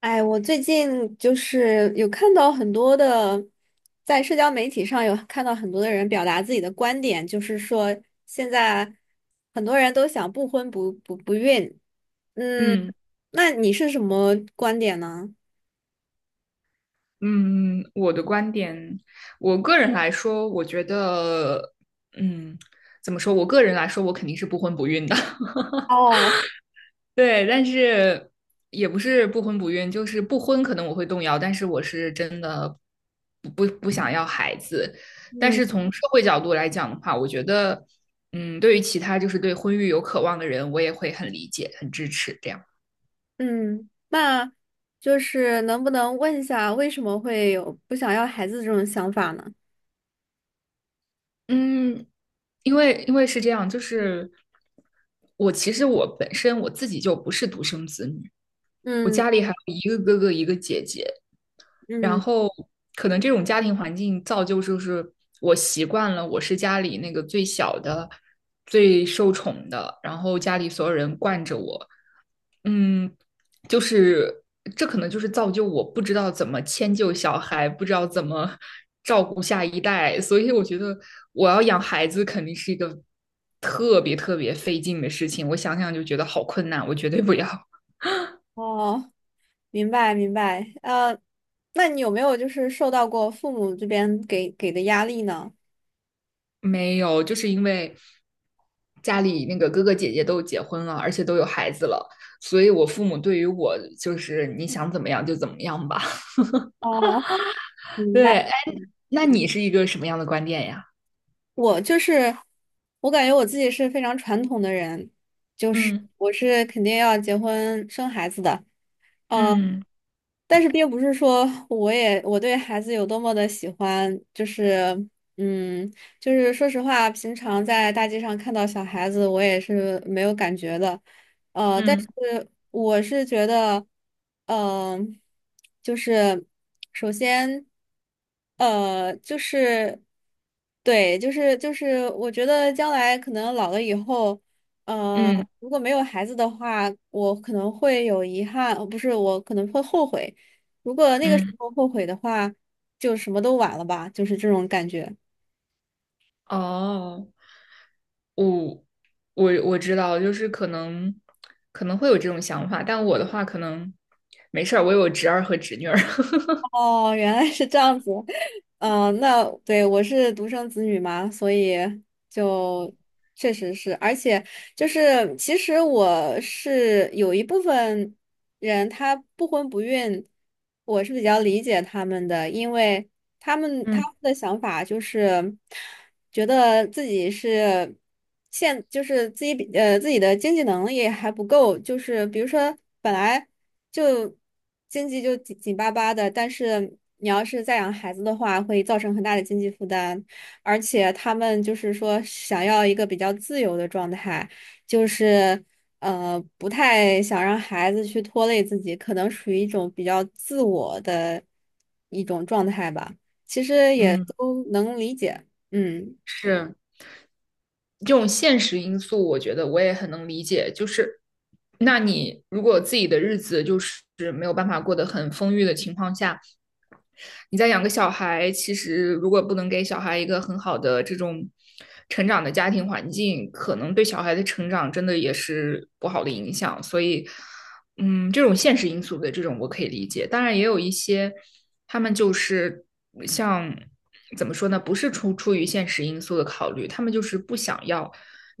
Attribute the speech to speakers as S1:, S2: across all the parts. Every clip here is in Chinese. S1: 哎，我最近就是有看到很多的，在社交媒体上有看到很多的人表达自己的观点，就是说现在很多人都想不婚不孕。嗯，
S2: 嗯
S1: 那你是什么观点呢？
S2: 嗯，我的观点，我个人来说，我觉得，嗯，怎么说？我个人来说，我肯定是不婚不孕的。
S1: 哦。
S2: 对，但是也不是不婚不孕，就是不婚可能我会动摇，但是我是真的不想要孩子。但
S1: 嗯
S2: 是从社会角度来讲的话，我觉得，对于其他就是对婚育有渴望的人，我也会很理解、很支持这样。
S1: 嗯，那就是能不能问一下，为什么会有不想要孩子这种想法呢？
S2: 嗯，因为是这样，就是我其实我本身我自己就不是独生子女，我
S1: 嗯
S2: 家里还有一个哥哥一个姐姐，然
S1: 嗯。
S2: 后可能这种家庭环境造就就是我习惯了我是家里那个最小的、最受宠的，然后家里所有人惯着我，嗯，就是这可能就是造就我不知道怎么迁就小孩，不知道怎么照顾下一代，所以我觉得我要养孩子肯定是一个特别特别费劲的事情。我想想就觉得好困难，我绝对不要。
S1: 哦。明白明白。那你有没有就是受到过父母这边给的压力呢？
S2: 没有，就是因为家里那个哥哥姐姐都结婚了，而且都有孩子了，所以我父母对于我就是你想怎么样就怎么样吧。
S1: 哦，明白。
S2: 对，哎，那你是一个什么样的观点呀？
S1: 我就是，我感觉我自己是非常传统的人，就是
S2: 嗯
S1: 我是肯定要结婚生孩子的。呃，
S2: 嗯
S1: 但是并不是说我对孩子有多么的喜欢，就是嗯，就是说实话，平常在大街上看到小孩子，我也是没有感觉的，但
S2: 嗯
S1: 是我是觉得，嗯、就是首先，就是对，就是，我觉得将来可能老了以后。呃，
S2: 嗯，
S1: 如果没有孩子的话，我可能会有遗憾，不是，我可能会后悔。如果那个时
S2: 嗯，
S1: 候后悔的话，就什么都晚了吧，就是这种感觉。
S2: 哦，我我知道，就是可能会有这种想法，但我的话可能没事儿，我有侄儿和侄女儿。
S1: 哦，原来是这样子。那对，我是独生子女嘛，所以就确实是，而且就是其实我是有一部分人他不婚不孕，我是比较理解他们的，因为。他们他
S2: 嗯
S1: 们的想法就是觉得自己是就是自己的经济能力还不够，就是比如说本来就经济就紧紧巴巴的，但是你要是再养孩子的话，会造成很大的经济负担，而且他们就是说想要一个比较自由的状态，就是不太想让孩子去拖累自己，可能属于一种比较自我的一种状态吧。也
S2: 嗯，
S1: 都能理解。嗯。
S2: 是这种现实因素，我觉得我也很能理解。就是，那你如果自己的日子就是没有办法过得很丰裕的情况下，你再养个小孩，其实如果不能给小孩一个很好的这种成长的家庭环境，可能对小孩的成长真的也是不好的影响。所以，这种现实因素的这种我可以理解。当然，也有一些他们就是像怎么说呢，不是出于现实因素的考虑，他们就是不想要，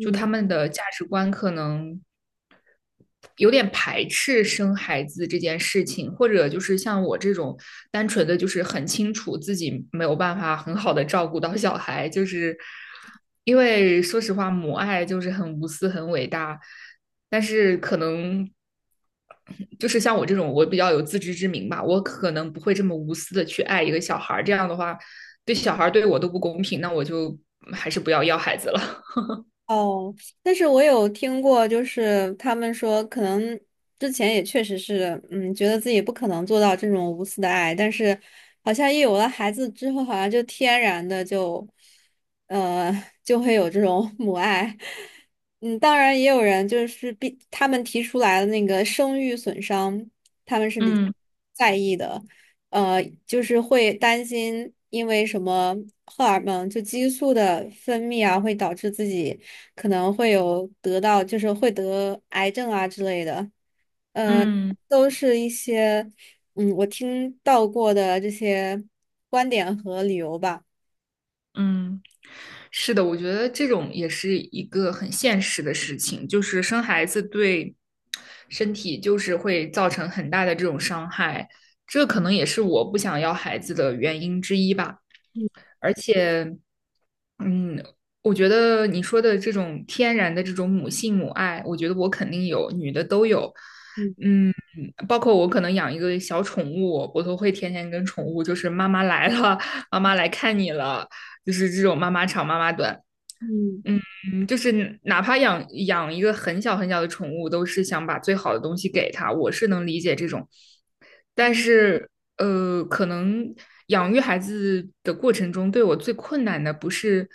S2: 就他们的价值观可能有点排斥生孩子这件事情，或者就是像我这种单纯的，就是很清楚自己没有办法很好的照顾到小孩，就是因为说实话，母爱就是很无私、很伟大，但是可能就是像我这种，我比较有自知之明吧，我可能不会这么无私的去爱一个小孩这样的话对小孩对我都不公平，那我就还是不要要孩子了。
S1: 哦，但是我有听过，就是他们说，可能之前也确实是，嗯，觉得自己不可能做到这种无私的爱，但是好像一有了孩子之后，好像就天然的就，呃，就会有这种 母爱。嗯，当然也有人就是比他们提出来的那个生育损伤，他们是比
S2: 嗯
S1: 在意的，就是会担心因为什么荷尔蒙就激素的分泌啊，会导致自己。可能会有得到，就是会得癌症啊之类的，呃，
S2: 嗯。
S1: 都是一些我听到过的这些观点和理由吧。
S2: 嗯，是的，我觉得这种也是一个很现实的事情，就是生孩子对身体就是会造成很大的这种伤害，这可能也是我不想要孩子的原因之一吧。
S1: 嗯
S2: 而且，嗯，我觉得你说的这种天然的这种母性母爱，我觉得我肯定有，女的都有。
S1: 嗯
S2: 嗯，包括我可能养一个小宠物，我都会天天跟宠物，就是妈妈来了，妈妈来看你了，就是这种妈妈长妈妈短。
S1: 嗯
S2: 就是哪怕养一个很小很小的宠物，都是想把最好的东西给它，我是能理解这种。但
S1: 嗯
S2: 是可能养育孩子的过程中，对我最困难的不是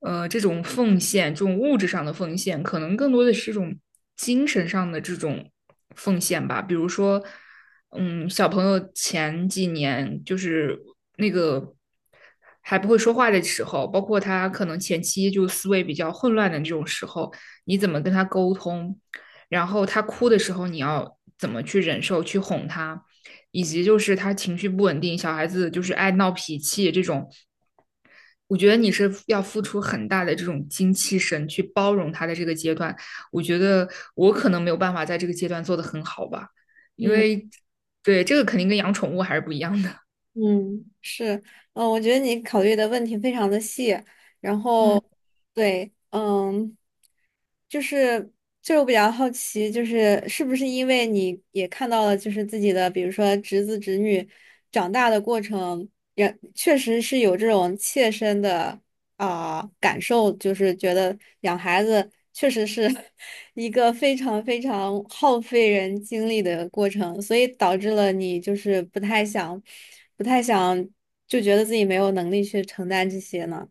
S2: 这种奉献，这种物质上的奉献，可能更多的是这种精神上的这种奉献吧。比如说，小朋友前几年就是那个。还不会说话的时候，包括他可能前期就思维比较混乱的这种时候，你怎么跟他沟通？然后他哭的时候你要怎么去忍受、去哄他，以及就是他情绪不稳定，小孩子就是爱闹脾气这种，我觉得你是要付出很大的这种精气神去包容他的这个阶段。我觉得我可能没有办法在这个阶段做得很好吧，因
S1: 嗯。
S2: 为对这个肯定跟养宠物还是不一样的。
S1: 嗯，是，我觉得你考虑的问题非常的细，然 后，
S2: 嗯，
S1: 对，就是就是我比较好奇，就是是不是因为你也看到了，就是自己的，比如说侄子侄女长大的过程，也确实是有这种切身的，啊，感受，就是觉得养孩子确实是 一个非常非常耗费人精力的过程，所以导致了你就是不太想，不太想，就觉得自己没有能力去承担这些呢。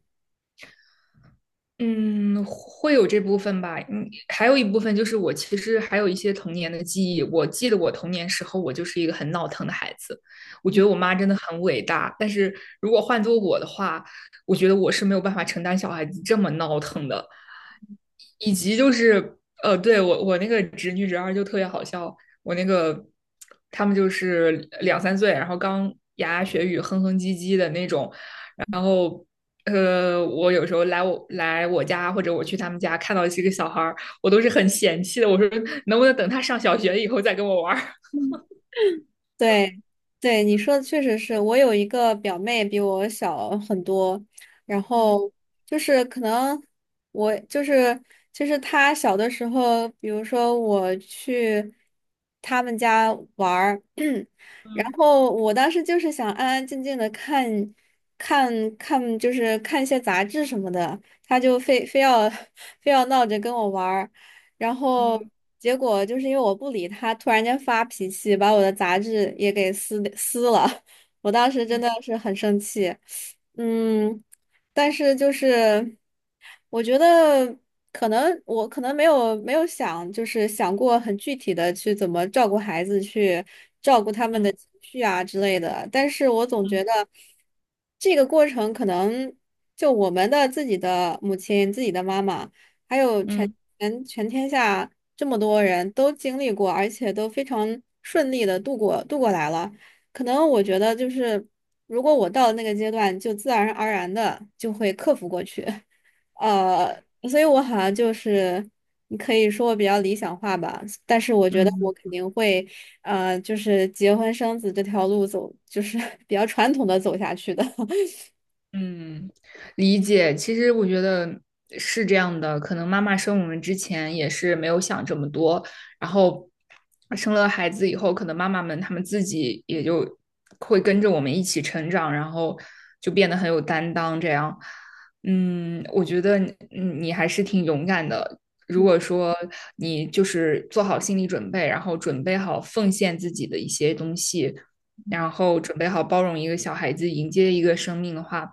S2: 嗯，会有这部分吧。嗯，还有一部分就是我其实还有一些童年的记忆。我记得我童年时候，我就是一个很闹腾的孩子。我觉得我妈真的很伟大，但是如果换做我的话，我觉得我是没有办法承担小孩子这么闹腾的。以及就是，对，我那个侄女侄儿就特别好笑。我那个他们就是两三岁，然后刚牙牙学语、哼哼唧唧的那种，然后，我有时候来我家或者我去他们家，看到这个小孩儿，我都是很嫌弃的。我说，能不能等他上小学以后再跟我玩儿？
S1: 对，对，你说的确实是，我有一个表妹比我小很多，然
S2: 嗯
S1: 后就是可能我就是就是她小的时候，比如说我去他们家玩儿，然
S2: 嗯
S1: 后我当时就是想安安静静的看看，就是看一些杂志什么的，她就非要 非要闹着跟我玩儿。然后
S2: 嗯
S1: 结果就是因为我不理他，突然间发脾气，把我的杂志也给撕了。我当时真
S2: 嗯
S1: 的是很生气，嗯，但是就是我觉得可能没有想就是想过很具体的去怎么照顾孩子，去照顾他们
S2: 嗯
S1: 的情绪啊之类的，但是我总觉
S2: 嗯
S1: 得这个过程可能就我们的自己的母亲、自己的妈妈。还有
S2: 嗯
S1: 全
S2: 嗯。
S1: 全全天下这么多人都经历过，而且都非常顺利的度过来了。可能我觉得就是，如果我到了那个阶段，就自然而然的就会克服过去。呃，所以我好像就是，你可以说我比较理想化吧，但是我觉得我
S2: 嗯
S1: 肯定会，就是结婚生子这条路走，就是 比较传统的走下去的。
S2: 嗯，理解。其实我觉得是这样的，可能妈妈生我们之前也是没有想这么多，然后生了孩子以后，可能妈妈们她们自己也就会跟着我们一起成长，然后就变得很有担当。这样，我觉得你还是挺勇敢的。如果说你就是做好心理准备，然后准备好奉献自己的一些东西，然后准备好包容一个小孩子，迎接一个生命的话，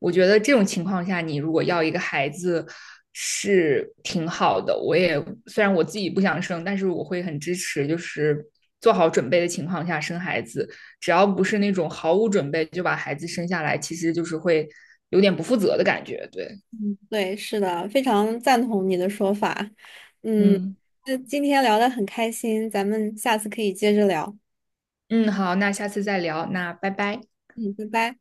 S2: 我觉得这种情况下，你如果要一个孩子是挺好的。我也虽然我自己不想生，但是我会很支持，就是做好准备的情况下生孩子，只要不是那种毫无准备就把孩子生下来，其实就是会有点不负责的感觉。对，
S1: 嗯，对，是的，非常赞同你的说法。嗯，
S2: 嗯
S1: 那今天聊得很开心，咱们下次可以接着聊。
S2: 嗯，好，那下次再聊，那拜拜。
S1: 嗯，拜拜。